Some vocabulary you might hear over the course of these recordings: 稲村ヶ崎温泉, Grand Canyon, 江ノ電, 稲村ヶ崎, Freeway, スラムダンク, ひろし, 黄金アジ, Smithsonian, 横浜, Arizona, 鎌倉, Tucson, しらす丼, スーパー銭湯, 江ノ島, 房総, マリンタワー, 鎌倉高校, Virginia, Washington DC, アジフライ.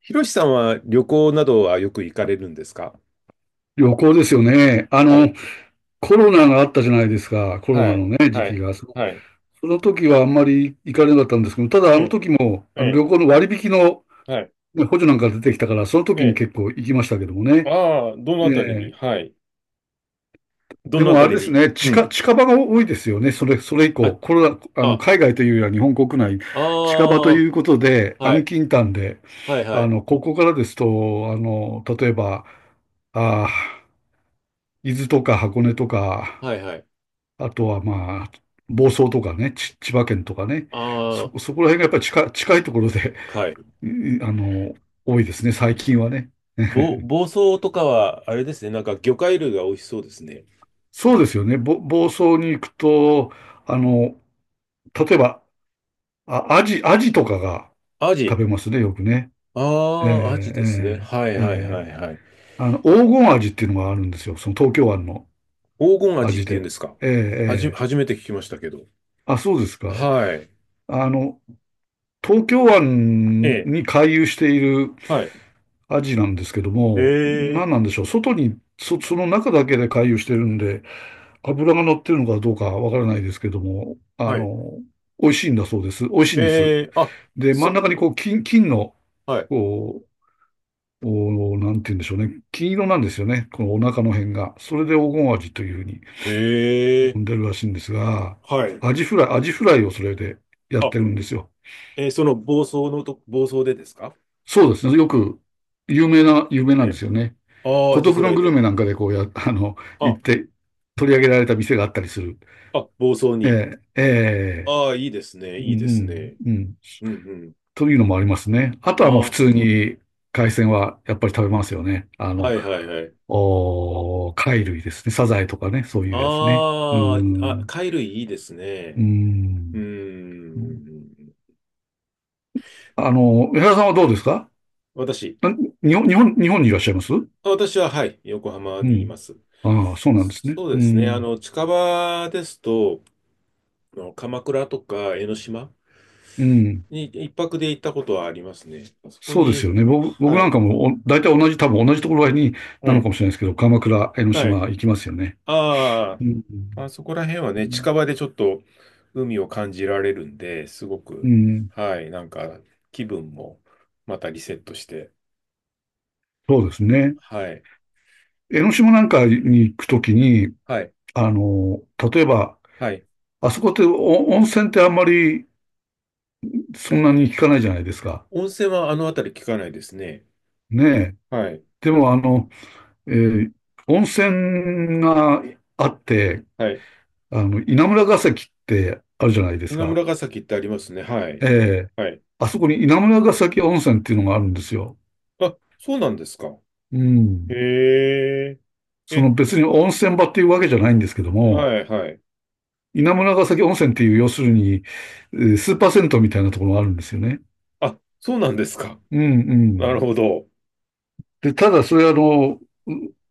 ひろしさんは旅行などはよく行かれるんですか？旅行ですよね。はい、コロナがあったじゃないですか。コロはナのい、ね、時は期い、が。そのはい、その時はあんまり行かれなかったんですけど、ただあえのえ、時も、えあのえ、旅行の割引の、はい、ね、補助なんか出てきたから、そのえ時にえ。結構行きましたけどもね。ああ、どのえあたりに。え、はい。どでのあもあたれりですに。ね、う近、ん。近場が多いですよね。それ以あ、降、コロナ、あ、海外というよりは日本国内、あ近場とあ、いうことで、は安い、近短で、はい、はい、ここからですと、例えば、ああ、伊豆とか箱根とか、はい、はい。あとはまあ、房総とかね、千葉県とかね、あそこら辺がやっぱり近い、近いところで、あ、はい。うん、多いですね、最近はね。房総とかは、あれですね、なんか魚介類が美味しそうですね。そうですよね。房総に行くと、あの、例えば、アジとかがアジ。食べますね、よくね。えああ、アジでーすね。はい、えーはい、はえい、ーはい。黄金アジっていうのがあるんですよ。その東京湾の黄金アアジっジて言うんで。ですか？えーえー初めて聞きましたけど。あ、そうですか。はい。あの、東京え湾え。に回遊しているはい。アジなんですけども、え何なんえ。でしょう。外に、その中だけで回遊してるんで、油が乗ってるのかどうかわからないですけども、はい。美味しいんだそうです。美味しえいんです。え。あ、で、真んそ、中にこう、金の、はい。こう、なんて言うんでしょうね。金色なんですよね。このお腹の辺が。それで黄金アジというふうにえ呼んえ。でるらしいんですが、はい。アジフライをそれでやっあ、てるんですよ。暴走でですか？そうですね。よく、有名えなんでえ。すよね。ああ、ア孤ジ独フラのイグルで。メなんかでこうや、あの、あ、行って取り上げられた店があったりする。あ、暴走えに。え、ええ、ああ、いいですね、ういいですん、ね。うん、うん。うんうん。というのもありますね。あとはもうあ普あ、通に海鮮はやっぱり食べますよね。はいはいはい。貝類ですね。サザエとかね、そういうやつね。うーああ、あ、ん、貝類いいですうーね。うーん。ん。江原さんはどうですか？私、な日本にいらっしゃいます？はい、横浜うにいまん。す。ああ、そうなんですね。そううですね。ん。近場ですと、鎌倉とか江ノ島うん。に一泊で行ったことはありますね。あそこそうですに、よね。僕はなんい。かも大体同じ、多分同じところにはなのかい。もしれないですけど、鎌倉、江ノは島い。行きますよね。ああ、うん。まあそこら辺はね、近場でちょっと海を感じられるんで、すごうく、ん。はい、なんか気分もまたリセットして、そうですね。はい、江ノ島なんかに行くときに、はい、あの、例えば、はい。あそこってお温泉ってあんまりそんなに聞かないじゃないですか。温泉はあの辺り聞かないですね。ねえ。はい、でも、えー温泉があって、はい。稲村ヶ崎ってあるじゃないです稲か。村ヶ崎ってありますね。はえい、え。はい。あそこに稲村ヶ崎温泉っていうのがあるんですよ。あ、そうなんですか。うへん。え、そえ、の別に温泉場っていうわけじゃないんですけども、はい、はい。稲村ヶ崎温泉っていう、要するに、スーパー銭湯みたいなところがあるんですよね。あ、そうなんですか。うんうなるん。ほど。で、ただそれは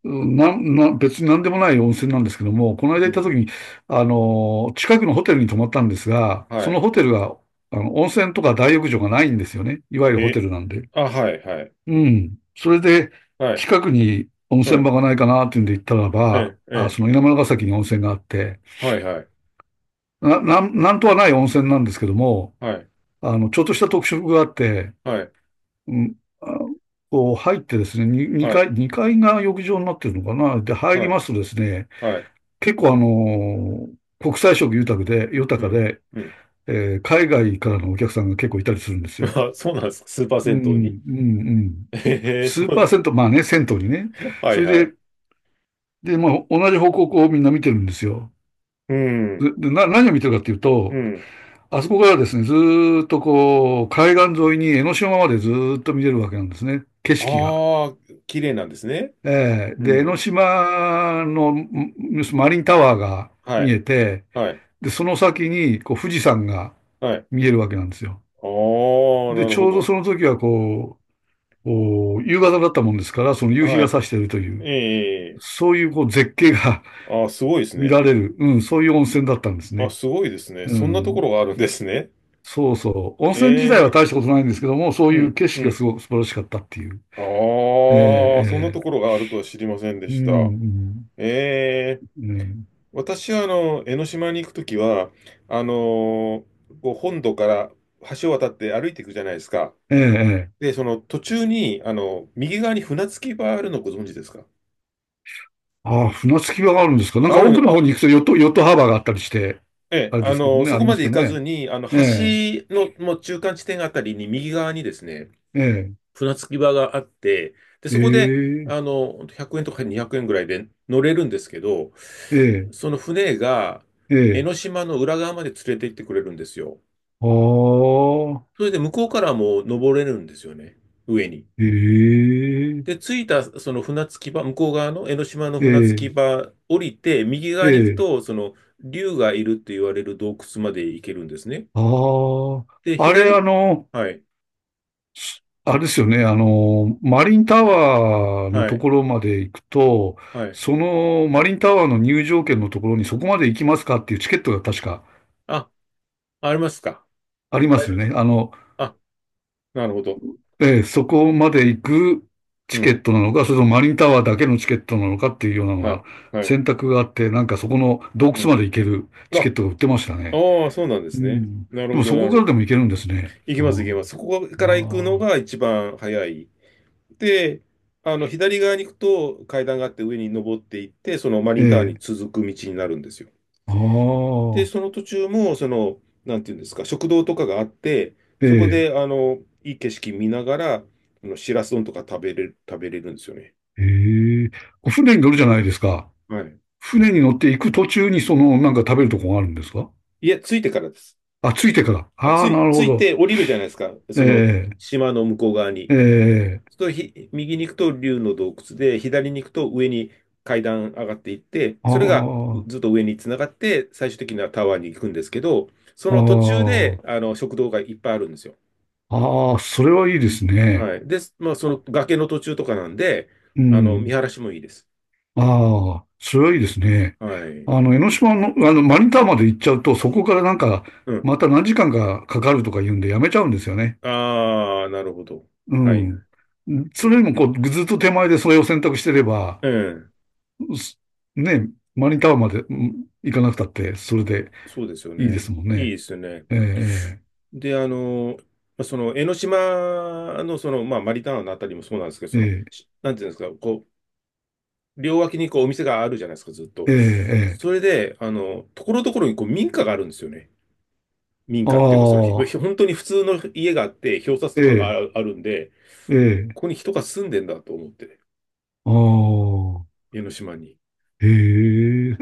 う別に何でもない温泉なんですけども、この間う行った時ん。に、近くのホテルに泊まったんですが、そはのい。ホテルが、温泉とか大浴場がないんですよね。いわゆるホへ、テルなんで。あ、はい、はい、うん。それで、はい、近くに温う泉場ん、がないかなっていうんで行ったらえば、え、えあ、そのえ、稲村ヶ崎に温泉があって、はい、はい、なんとはない温泉なんですけども、はい、ちょっとした特色があって、はい、うん、あこう入ってですね、は2い、階、2階が浴場になってるのかな。で、入はりい、ますとですね、はい、結構国際色豊うかん、で、うん。海外からのお客さんが結構いたりするんです よ。あ、そうなんですか、スーパーう銭湯に？ ん、うん、うん。へえ、そ数うなパーん。 セント、まあね、銭湯にね。はそい、れはい。で、まあ、同じ方向をこうみんな見てるんですよ。うん、で何を見てるかっていううと、ん。あそこからですね、ずーっとこう、海岸沿いに江ノ島までずーっと見れるわけなんですね、景色が。ああ、綺麗なんですね。えーうで、江ノん、島のマリンタワーがは見い、えて、はい、で、その先にこう富士山がはい。見えるわけなんですよ。ああ、で、なるちほょうどど。その時はこう、お夕方だったもんですから、その夕日はが差しているといい、う、ええ、そういうこう絶景が ああ、すごいで す見らね。れる、うん、そういう温泉だったんですあ、ね。すごいですね。うそんなところん。があるんですね。そうそう。温え泉自体はえ、大したことないんですけども、そうういうん、景う色がすん。ごく素晴らしかったっていう。あええ、あ、そんなええ、ところがあるとは知りませんでうした。ん、ええ、うん、うん。私は江ノ島に行くときは、あのーこう本土から橋を渡って歩いていくじゃないですか。ええ、ええ。で、その途中に、右側に船着き場あるのご存知ですか？ああ、船着き場があるんですか。なんあか奥る、のあ、方に行くとヨットハーバーがあったりして、ええ、あれですけどね、そあこりまますでけ行どかずね。に、橋ええ、のもう中間地点あたりに右側にですね、ええ、船着き場があって、で、えそこで、え、ほんと100円とか200円ぐらいで乗れるんですけど、ええ、その船がえ江え、ノ島の裏側まで連れて行ってくれるんですよ。ああ、それで向こうからも登れるんですよね、上に。えで、え、着いたその船着き場、向こう側の江ノ島のえ船着え、き場降りて、右え側に行くえ、と、その竜がいるって言われる洞窟まで行けるんですね。あで、あ。あれ、あ左、の、はい、あれですよね、マリンタワーのはとい、ころまで行くと、はい。そのマリンタワーの入場券のところにそこまで行きますかっていうチケットが確かあ、ありますか。ありま大す丈夫よですね。か。あ、なるほど。ええ、そこまで行くうチケん。ットなのか、それともマリンタワーだけのチケットなのかっていうようなのはがい、はい。選択があって、なんかそこの洞う窟ん。まで行けるあ、チケットが売ってましたね。ああ、そうなんでうすね。ん。なるでほもど、そなこかるほらど。でも行けるんですね。行きあます、行きます。そこかあ、あら行くのあ、が一番早い。で、左側に行くと階段があって上に登っていって、そのマえリンタワーにえ、続く道になるんですよ。あで、あ、その途中も、なんていうんですか、食堂とかがあって、えそこえ。で、いい景色見ながら、しらす丼とか食べれるんですよね。ええ、こう船に乗るじゃないですか。はい。船に乗って行く途中にその、なんか食べるとこがあるんですか？いや、着いてからです。あ、ついてから。あ、ああ、なるほ着いど。て降りるじゃないですか。その、え島の向こう側え、に。ええ、そうすると右に行くと竜の洞窟で、左に行くと上に階段上がっていって、あそれがあ、ずっと上につながって、最終的にはタワーに行くんですけど、そあの途中で、あ、食堂がいっぱいあるんですよ。ああ、それはいいですね。はい。で、まあ、その崖の途中とかなんで、う見ん。晴らしもいいです。ああ、それはいいですね。はい。江ノ島の、マリンタワーまで行っちゃうと、そこからなんか、うん。また何時間かかかるとか言うんでやめちゃうんですよね。ああ、なるほど。うはい。ん。それよりも、こう、ずっと手前でそれを選択してれば、うん。ね、マニタワーまで行かなくたって、それでそうですよいいでね。すもんいいね。ですよね。ええ、で、まあその江ノ島の、まあ、マリターナのあたりもそうなんですけど、ええ、なんていうんですか、こう、両脇にこうお店があるじゃないですか、ずっと。ええ、ええ、それで、ところどころにこう民家があるんですよね。民あ家っていうか、あ、本当に普通の家があって、表札えとかえ、がああるんで、ええ、ここに人が住んでんだと思って、ああ、江ノ島に。ええ、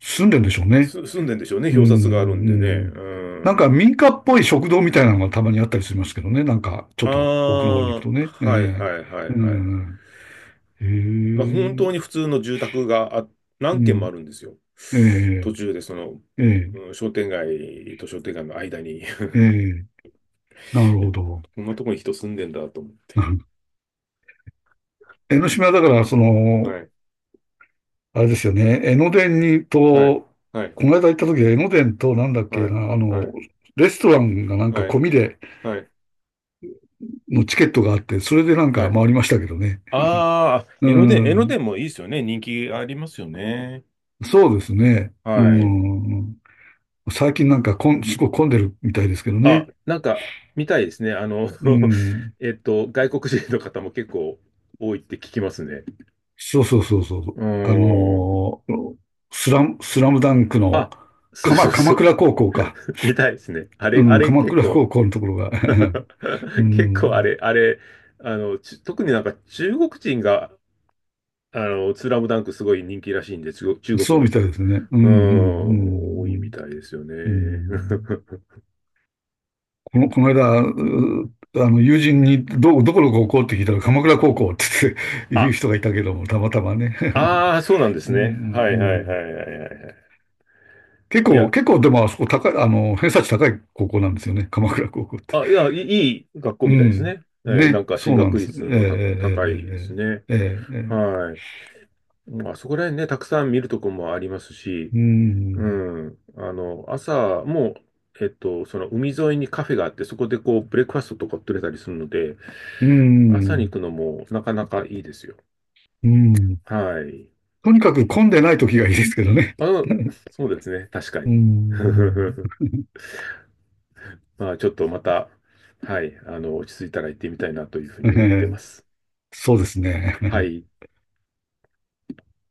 住んでんでしょうね。住んでんでしょうね、う表札があん、るんうでね。ん。うなんかん。民家っぽい食堂みたいなのがたまにあったりしますけどね。なんか、ちょあっと奥の方に行くあ、とね。えはいえ、はいはいうはい。ん、ええ、まあ、本当に普通の住宅がう何軒もあん、るんですよ。え途え、中でええ、商店街と商店街の間に ええ、なるほ ど。こんなとこに人住んでんだと思 江ノ島だから、そう。の、はい。あれですよね。江ノ電にはい、と、はい、この間行った時は江ノ電となんだっけはい、な、はい、レストランがなんかは込い、みではい、のチケットがあって、それでなんはかい。回りましたけどね。ああ、う江ノん。電もいいですよね。人気ありますよね。そうですね。うはい。ん。最近なんかすごい混んでるみたいですけどあ、ね。なんか、見たいですね。う ん。外国人の方も結構多いって聞きますね。そうそうそうそう。うーん。スラムダンクの、あ、そうそ鎌うそ鎌う。倉高校か。見たいですね。うあん、れ鎌結倉構 高校のところが。う 結構あん。れ、あれ、あの、ち特になんか中国人が、スラムダンクすごい人気らしいんで、中そ国うのみたいですね。うんううん、多いんみたいですよね。うんうん。う ん、この間、うあの、友人にどこの高校って聞いたら鎌倉高校って言うあ、人がいたけども、たまたまね。ああ、そうなんで うすんうんうね。はいはいはいはん。いはいはい。結い構、や、結構でもあそこ高い、偏差値高い高校なんですよね。鎌倉高校って。あ、いや、いいいい学校うみたいですん。ね。なんね、か進そうなん学です。え率の高えいですね。ええええええええ、はい。まあそこら辺ね、たくさん見るとこもありますし、ううん。ん。朝も、その海沿いにカフェがあって、そこでこう、ブレックファストとか取れたりするので、う朝にん。行くのもなかなかいいですよ。うん。はい。とにかく混んでない時がいいですけどね。あの、そうですね。確かうん。うに。ん、まあ、ちょっとまた、はい、落ち着いたら行ってみたいなというふうえに思ってまえ、す。そうですね。はい。